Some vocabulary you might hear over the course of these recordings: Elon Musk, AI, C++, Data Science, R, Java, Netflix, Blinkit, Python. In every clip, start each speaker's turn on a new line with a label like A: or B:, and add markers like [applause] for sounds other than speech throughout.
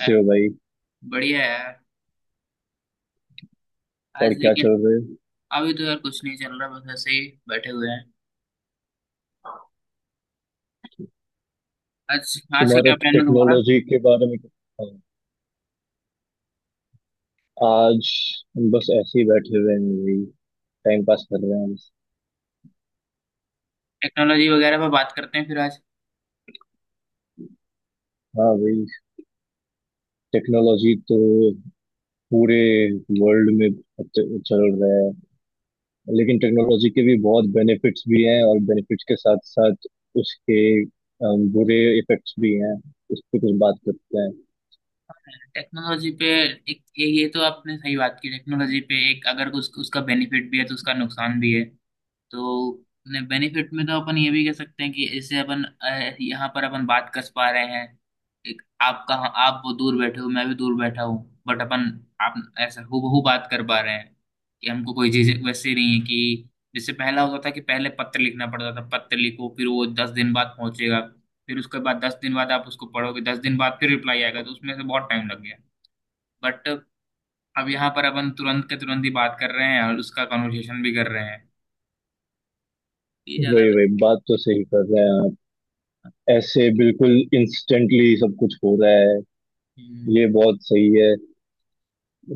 A: है,
B: हो भाई?
A: बढ़िया है यार
B: और
A: आज
B: क्या
A: लेकिन।
B: चल रहा है?
A: अभी तो यार कुछ नहीं चल रहा, बस ऐसे ही बैठे हुए हैं। आज आज का
B: तुम्हारा
A: क्या प्लान है तुम्हारा?
B: टेक्नोलॉजी के बारे में क्या? आज हम बस ऐसे ही बैठे हुए हैं भाई। टाइम पास कर रहे हैं बस।
A: टेक्नोलॉजी वगैरह पर बात करते हैं फिर आज।
B: हाँ भाई, टेक्नोलॉजी तो पूरे वर्ल्ड में चल रहा है। लेकिन टेक्नोलॉजी के भी बहुत बेनिफिट्स भी हैं, और बेनिफिट्स के साथ साथ उसके बुरे इफेक्ट्स भी हैं। उस पर कुछ बात करते हैं।
A: टेक्नोलॉजी पे एक ये तो आपने सही बात की। टेक्नोलॉजी पे एक अगर कुछ उसका बेनिफिट भी है तो उसका नुकसान भी है। तो ने बेनिफिट में तो अपन ये भी कह सकते हैं कि इससे अपन यहाँ पर अपन बात कर पा रहे हैं। एक आप कहाँ, आप वो दूर बैठे हो, मैं भी दूर बैठा हूँ, बट अपन आप ऐसा हूबहू बात कर पा रहे हैं। कि हमको कोई चीज वैसे नहीं है कि जैसे पहला होता था कि पहले पत्र लिखना पड़ता था, पत्र लिखो फिर वो 10 दिन बाद पहुंचेगा, फिर उसके बाद 10 दिन बाद आप उसको पढ़ोगे, 10 दिन बाद फिर रिप्लाई आएगा, तो उसमें से बहुत टाइम लग गया। बट अब यहाँ पर अपन तुरंत के तुरंत ही बात कर रहे हैं और उसका कन्वर्सेशन भी कर रहे हैं। ये ज्यादा
B: वही
A: बेहतर
B: वही बात तो सही कर रहे हैं आप।
A: है।
B: ऐसे बिल्कुल इंस्टेंटली सब कुछ हो रहा है।
A: हम्म।
B: ये बहुत सही है।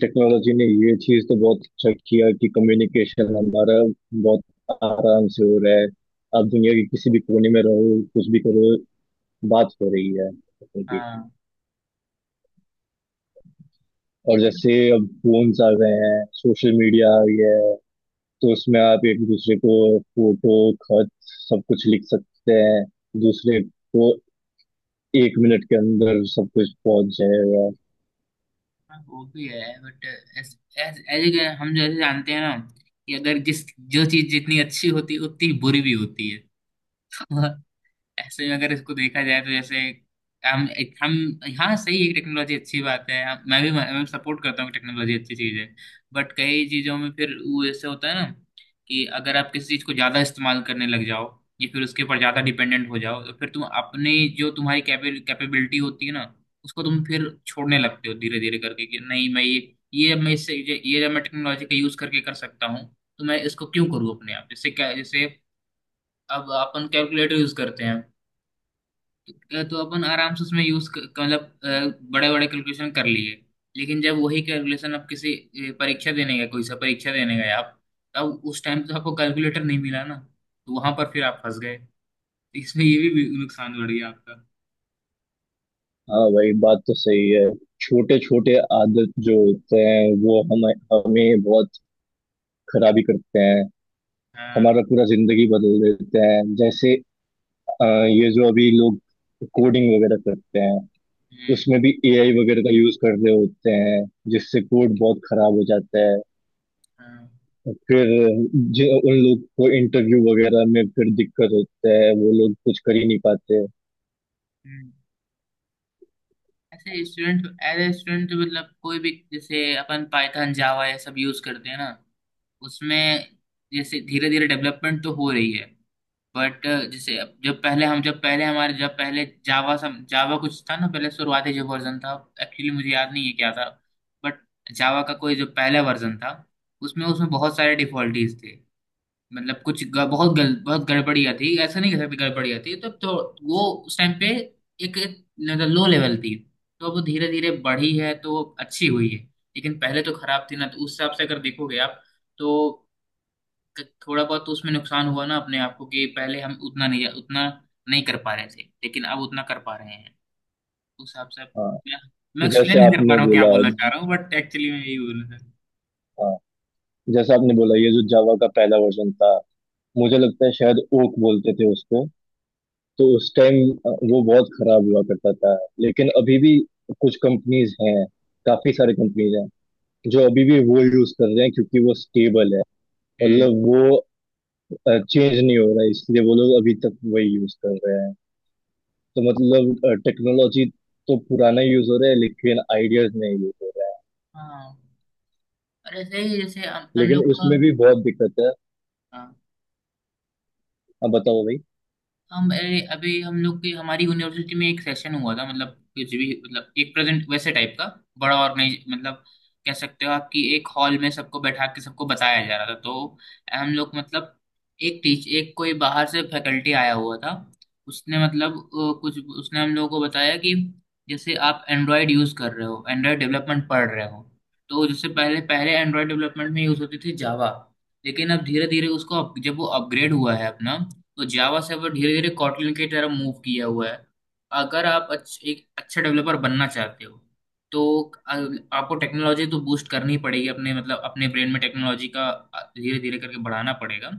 B: टेक्नोलॉजी ने ये चीज तो बहुत अच्छा किया कि कम्युनिकेशन हमारा बहुत आराम से हो रहा है। आप दुनिया के किसी भी कोने में रहो, कुछ भी करो, बात हो रही है उनकी।
A: हाँ, ये
B: और
A: तो कहीं
B: जैसे अब फोन्स आ गए हैं, सोशल मीडिया आ गया है, तो उसमें आप एक दूसरे को फोटो, खत, सब कुछ लिख सकते हैं दूसरे को। 1 मिनट के अंदर सब कुछ पहुंच जाएगा।
A: ना वो भी है। बट एज एज हम जैसे जानते हैं ना कि अगर जिस जो चीज जितनी अच्छी होती है उतनी बुरी भी होती है। [laughs] ऐसे में अगर इसको देखा जाए तो जैसे हम हम। हाँ सही है, टेक्नोलॉजी अच्छी बात है। मैं भी मैं सपोर्ट करता हूँ कि टेक्नोलॉजी अच्छी चीज़ है। बट कई चीज़ों में फिर वो ऐसे होता है ना कि अगर आप किसी चीज़ को ज़्यादा इस्तेमाल करने लग जाओ या फिर उसके ऊपर ज़्यादा डिपेंडेंट हो जाओ, तो फिर तुम अपने जो तुम्हारी कैपेबिलिटी होती है ना, उसको तुम फिर छोड़ने लगते हो धीरे धीरे करके कि नहीं, मैं ये मैं इससे ये जब मैं टेक्नोलॉजी का यूज़ करके कर सकता हूँ, तो मैं इसको क्यों करूँ अपने आप। जैसे क्या, जैसे अब अपन कैलकुलेटर यूज़ करते हैं, तो अपन आराम से उसमें यूज मतलब बड़े बड़े कैलकुलेशन कर लिए। लेकिन जब वही कैलकुलेशन आप किसी परीक्षा देने गए, कोई सा परीक्षा देने गए आप, तब उस टाइम तो आपको कैलकुलेटर नहीं मिला ना, तो वहां पर फिर आप फंस गए। तो इसमें ये भी नुकसान बढ़ गया आपका।
B: हाँ भाई, बात तो सही है। छोटे छोटे आदत जो होते हैं वो हम हमें बहुत खराबी करते हैं।
A: हाँ।
B: हमारा पूरा जिंदगी बदल देते हैं। जैसे अ, ये जो अभी लोग कोडिंग वगैरह करते हैं
A: हम्म।
B: उसमें भी एआई वगैरह का यूज कर रहे होते हैं, जिससे कोड बहुत खराब हो जाता है।
A: हाँ।
B: फिर जो उन लोग को इंटरव्यू वगैरह में फिर दिक्कत होता है, वो लोग कुछ कर ही नहीं पाते।
A: हम्म। ऐसे स्टूडेंट एज ए स्टूडेंट मतलब कोई भी, जैसे अपन पाइथन जावा ये सब यूज करते हैं ना, उसमें जैसे धीरे धीरे डेवलपमेंट तो हो रही है। बट जैसे अब जब पहले हम जब पहले हमारे जब पहले जावा सम जावा कुछ था ना, पहले शुरुआती जो वर्जन था, एक्चुअली मुझे याद नहीं है क्या था, बट जावा का कोई जो पहला वर्जन था, उसमें उसमें बहुत सारे डिफॉल्टीज थे। मतलब कुछ ग, बहुत गल, बहुत गड़बड़ियाँ थी, ऐसा नहीं कह सकते गड़बड़ियाँ थी, तो वो उस टाइम पे एक मतलब लो लेवल थी। तो अब धीरे धीरे बढ़ी है तो अच्छी हुई है। लेकिन पहले तो खराब थी ना, तो उस हिसाब से अगर देखोगे आप, तो थोड़ा बहुत तो उसमें नुकसान हुआ ना अपने आप को, कि पहले हम उतना नहीं कर पा रहे थे लेकिन अब उतना कर पा रहे हैं। उस हिसाब से अब-
B: हाँ
A: मैं मैं एक्सप्लेन
B: जैसे
A: नहीं कर पा
B: आपने
A: रहा हूँ क्या
B: बोला
A: बोलना चाह
B: ज-
A: रहा हूँ, बट एक्चुअली मैं यही बोलना चाह रहा
B: हाँ, जैसे आपने बोला ये जो जावा का पहला वर्जन था, मुझे
A: हूँ।
B: लगता है शायद ओक बोलते थे उसको। तो उस टाइम वो बहुत खराब हुआ करता था। लेकिन अभी भी कुछ कंपनीज हैं, काफी सारी कंपनीज हैं जो अभी भी वो यूज कर रहे हैं क्योंकि वो स्टेबल है।
A: हम्म।
B: मतलब वो चेंज नहीं हो रहा है, इसलिए वो लोग अभी तक वही यूज कर रहे हैं। तो मतलब टेक्नोलॉजी तो पुराना यूज हो रहा है लेकिन आइडियाज नहीं यूज हो रहा
A: हाँ। और ऐसे ही जैसे
B: है।
A: हम
B: लेकिन
A: लोग का।
B: उसमें भी बहुत दिक्कत है।
A: हाँ।
B: अब बताओ भाई।
A: हम अरे अभी हम लोग की हमारी यूनिवर्सिटी में एक सेशन हुआ था। मतलब कुछ भी मतलब एक प्रेजेंट वैसे टाइप का बड़ा ऑर्गेनाइज, मतलब कह सकते हो आप कि एक हॉल में सबको बैठा के सबको बताया जा रहा था। तो हम लोग मतलब एक कोई बाहर से फैकल्टी आया हुआ था। उसने मतलब कुछ उसने हम लोगों को बताया कि जैसे आप एंड्रॉयड यूज़ कर रहे हो, एंड्रॉयड डेवलपमेंट पढ़ रहे हो, तो जैसे पहले पहले एंड्रॉयड डेवलपमेंट में यूज़ होती थी जावा, लेकिन अब धीरे धीरे उसको जब वो अपग्रेड हुआ है अपना, तो जावा सर्वर धीरे धीरे कॉटलिन की तरफ मूव किया हुआ है। अगर आप एक अच्छा डेवलपर बनना चाहते हो तो आपको टेक्नोलॉजी तो बूस्ट करनी ही पड़ेगी अपने, मतलब अपने ब्रेन में टेक्नोलॉजी का धीरे धीरे करके बढ़ाना पड़ेगा।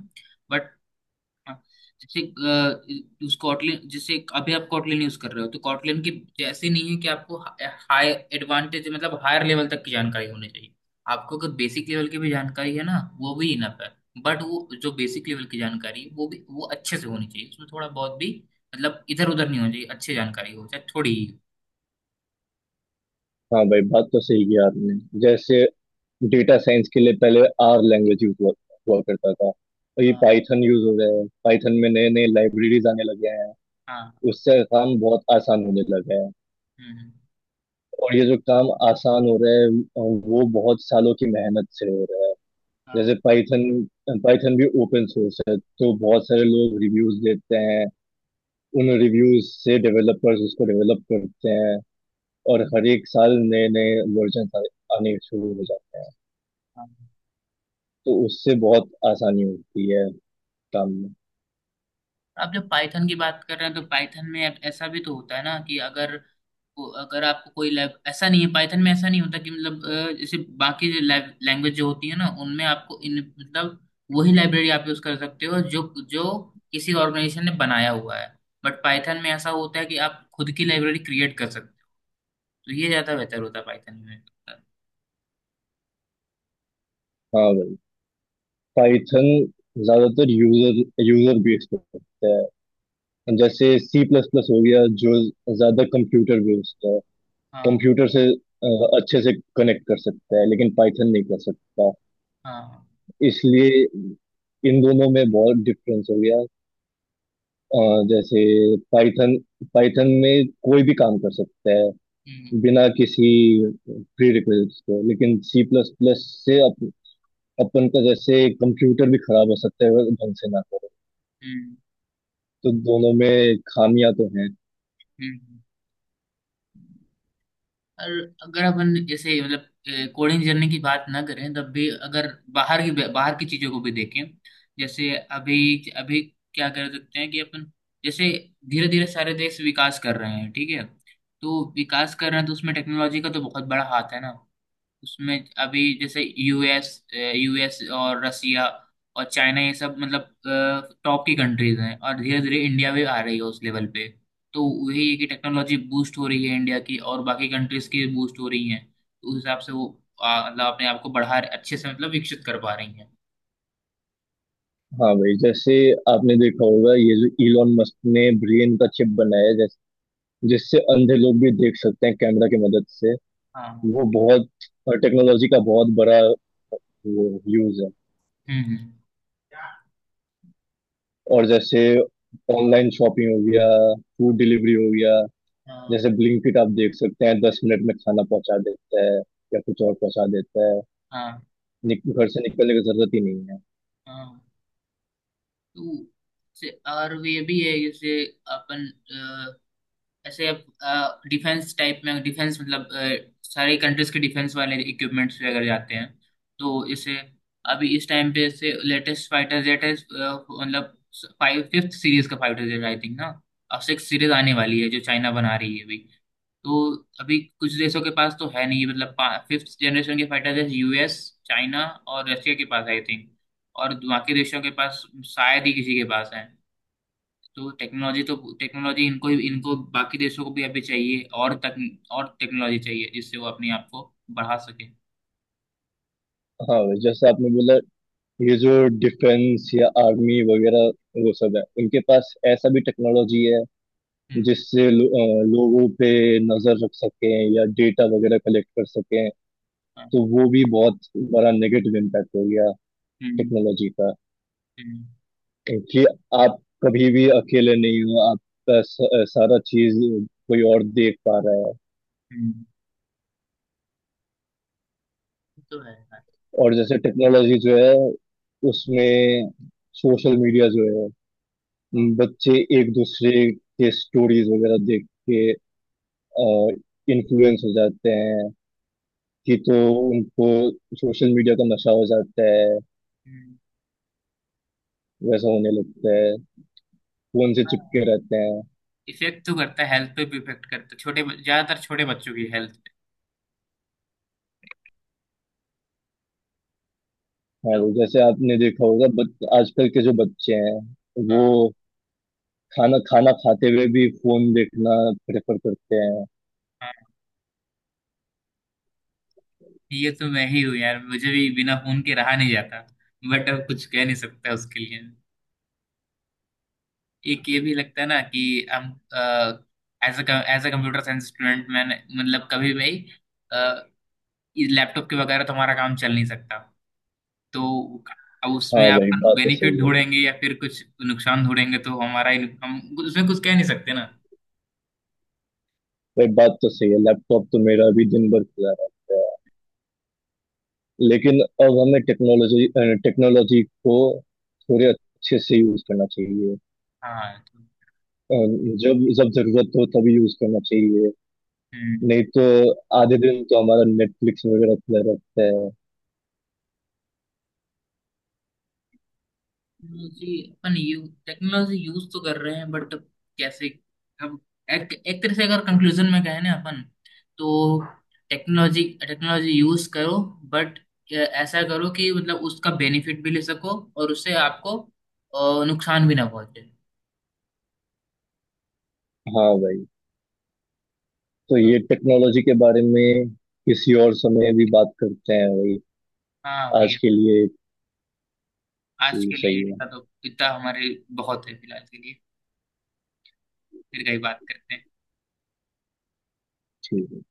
A: बट हाँ, जैसे स्कॉटलैंड जैसे अभी आप कॉटलैंड यूज कर रहे हो, तो कॉटलैंड की जैसे नहीं है कि आपको हाई एडवांटेज मतलब हायर लेवल तक की जानकारी होनी चाहिए। आपको अगर बेसिक लेवल की भी जानकारी है ना, वो भी इनफ है। बट वो जो बेसिक लेवल की जानकारी है वो भी वो अच्छे से होनी चाहिए, उसमें थोड़ा बहुत भी मतलब इधर उधर नहीं होनी चाहिए, अच्छी जानकारी हो चाहे थोड़ी ही हो।
B: हाँ भाई, बात तो सही की आपने। जैसे डेटा साइंस के लिए पहले आर लैंग्वेज यूज हुआ हुआ करता था, और ये
A: हाँ।
B: पाइथन यूज हो गया है। पाइथन में नए नए लाइब्रेरीज आने लगे हैं।
A: हाँ।
B: उससे काम बहुत आसान होने लगा है।
A: हम्म।
B: और ये जो काम आसान हो रहा है, वो बहुत सालों की मेहनत से हो रहा है। जैसे
A: हाँ।
B: पाइथन पाइथन भी ओपन सोर्स है, तो बहुत सारे लोग रिव्यूज देते हैं। उन रिव्यूज से डेवलपर्स उसको डेवलप करते हैं, और हर एक साल नए नए वर्जन आने शुरू हो जाते हैं।
A: हाँ।
B: तो उससे बहुत आसानी होती है काम में।
A: आप जब पाइथन की बात कर रहे हैं तो पाइथन में ऐसा भी तो होता है ना कि अगर अगर आपको कोई लैब ऐसा नहीं है, पाइथन में ऐसा नहीं होता कि मतलब जैसे बाकी जो लैंग्वेज जो होती है ना उनमें आपको इन मतलब वही लाइब्रेरी आप यूज कर सकते हो जो जो किसी ऑर्गेनाइजेशन ने बनाया हुआ है। बट पाइथन में ऐसा होता है कि आप खुद की लाइब्रेरी क्रिएट कर सकते हो, तो ये ज्यादा बेहतर होता है पाइथन में।
B: हाँ भाई, पाइथन ज्यादातर यूजर यूजर बेस्ड होता है। जैसे सी प्लस प्लस हो गया जो ज्यादा कंप्यूटर बेस्ड है।
A: हाँ।
B: कंप्यूटर से अच्छे से कनेक्ट कर सकता है, लेकिन पाइथन नहीं कर सकता।
A: हाँ। हाँ।
B: इसलिए इन दोनों में बहुत डिफरेंस हो गया। अ, जैसे पाइथन पाइथन में कोई भी काम कर सकता है
A: हम्म।
B: बिना किसी प्री रिक्वेस्ट के। लेकिन सी प्लस प्लस से अपन का जैसे कंप्यूटर भी खराब हो सकता है अगर ढंग से ना हो।
A: हम्म।
B: तो दोनों में खामियां तो हैं।
A: हम्म। हम्म। और अगर अपन ऐसे मतलब कोडिंग जर्नी की बात ना करें तब भी अगर बाहर की चीजों को भी देखें, जैसे अभी अभी क्या कर सकते हैं कि अपन, जैसे धीरे धीरे सारे देश विकास कर रहे हैं ठीक है, तो विकास कर रहे हैं तो उसमें टेक्नोलॉजी का तो बहुत बड़ा हाथ है ना उसमें। अभी जैसे यूएस यूएस और रसिया और चाइना ये सब मतलब टॉप की कंट्रीज हैं, और धीरे धीरे इंडिया भी आ रही है उस लेवल पे। तो वही है कि टेक्नोलॉजी बूस्ट हो रही है इंडिया की और बाकी कंट्रीज की बूस्ट हो रही हैं। तो उस हिसाब से वो मतलब अपने आप को बढ़ा अच्छे से मतलब विकसित कर पा रही हैं।
B: हाँ भाई, जैसे आपने देखा होगा, ये जो इलॉन मस्क ने ब्रेन का चिप बनाया, जैस जिससे अंधे लोग भी देख सकते हैं कैमरा की मदद से।
A: हाँ।
B: वो बहुत टेक्नोलॉजी का बहुत बड़ा वो यूज है।
A: हम्म। हम्म।
B: और जैसे ऑनलाइन शॉपिंग हो गया, फूड डिलीवरी हो गया।
A: हाँ।
B: जैसे ब्लिंकिट, आप देख सकते हैं, 10 मिनट में खाना पहुंचा देता है, या कुछ और पहुंचा देता है।
A: हाँ।
B: घर से निकलने की जरूरत ही नहीं है।
A: हाँ। तो और ये भी है जैसे अपन ऐसे अब डिफेंस टाइप में, डिफेंस मतलब सारी कंट्रीज के डिफेंस वाले इक्विपमेंट्स वगैरह जाते हैं। तो इसे अभी इस टाइम पे जैसे लेटेस्ट फाइटर जेट है मतलब फाइव फिफ्थ सीरीज का फाइटर जेट आई थिंक ना। अब सिक्स सीरीज आने वाली है जो चाइना बना रही है अभी। तो अभी कुछ देशों के पास तो है नहीं, मतलब फिफ्थ जनरेशन के फाइटर जेट यूएस चाइना और रशिया के पास आई थिंक, और बाकी देशों के पास शायद ही किसी के पास है। तो टेक्नोलॉजी इनको इनको बाकी देशों को भी अभी चाहिए और तक और टेक्नोलॉजी चाहिए, जिससे वो अपने आप को बढ़ा सके।
B: हाँ भाई, जैसे आपने बोला, ये जो डिफेंस या आर्मी वगैरह वो सब है, उनके पास ऐसा भी टेक्नोलॉजी है
A: हम्म।
B: जिससे लोगों पे नजर रख सकें या डेटा वगैरह कलेक्ट कर सकें।
A: हाँ,
B: तो वो भी बहुत बड़ा नेगेटिव इम्पैक्ट हो गया
A: हम्म।
B: टेक्नोलॉजी का,
A: हम्म।
B: कि आप कभी भी अकेले नहीं हो, आपका सारा चीज कोई और देख पा रहा है।
A: हम्म, ये तो है यार।
B: और जैसे टेक्नोलॉजी जो है, उसमें सोशल मीडिया जो है,
A: हाँ,
B: बच्चे एक दूसरे के स्टोरीज वगैरह देख के इन्फ्लुएंस हो जाते हैं, कि तो उनको सोशल मीडिया का नशा हो जाता है,
A: हम्म।
B: वैसा होने लगता है, फोन से
A: हाँ।
B: चिपके रहते हैं।
A: इफेक्ट तो करता है, हेल्थ पे भी इफेक्ट करता है, छोटे ज्यादातर छोटे बच्चों की हेल्थ पे।
B: हाँ,
A: लो।
B: वो जैसे आपने देखा होगा, बट आजकल के जो बच्चे हैं, वो
A: हाँ।
B: खाना खाना खाते हुए भी फोन देखना प्रेफर करते हैं।
A: हाँ, ये तो मैं ही हूँ यार, मुझे भी बिना फोन के रहा नहीं जाता। बट अब कुछ कह नहीं सकता उसके लिए। एक ये भी लगता है ना कि हम as a computer science student, मैंने मतलब कभी भी लैपटॉप के वगैरह तो हमारा काम चल नहीं सकता। तो अब
B: हाँ,
A: उसमें आप
B: वही बात तो
A: बेनिफिट
B: सही है।
A: ढूंढेंगे या फिर कुछ नुकसान ढूंढेंगे तो हमारा ही हम उसमें कुछ कह नहीं सकते ना।
B: वही बात तो सही है, लैपटॉप तो मेरा भी दिन भर खुला रहता है। लेकिन अब हमें टेक्नोलॉजी टेक्नोलॉजी को थोड़े अच्छे से यूज करना चाहिए।
A: हाँ तो,
B: जब जब जरूरत हो तभी यूज करना चाहिए।
A: हम्म।
B: नहीं तो आधे दिन तो हमारा नेटफ्लिक्स वगैरह खुला रहता है।
A: टेक्नोलॉजी अपन यू टेक्नोलॉजी यूज तो कर रहे हैं, बट कैसे, हम एक एक तरह से अगर कंक्लूजन में कहें ना अपन, तो टेक्नोलॉजी टेक्नोलॉजी यूज करो, बट ऐसा करो कि मतलब उसका बेनिफिट भी ले सको और उससे आपको नुकसान भी ना पहुंचे।
B: हाँ भाई, तो
A: हाँ।
B: ये टेक्नोलॉजी के बारे में किसी और समय भी बात करते हैं भाई।
A: हाँ
B: आज
A: भाई।
B: के लिए
A: आज
B: सही
A: के
B: सही
A: लिए
B: है।
A: इतना तो, इतना हमारे बहुत है फिलहाल के लिए। फिर कहीं बात करते हैं।
B: ठीक।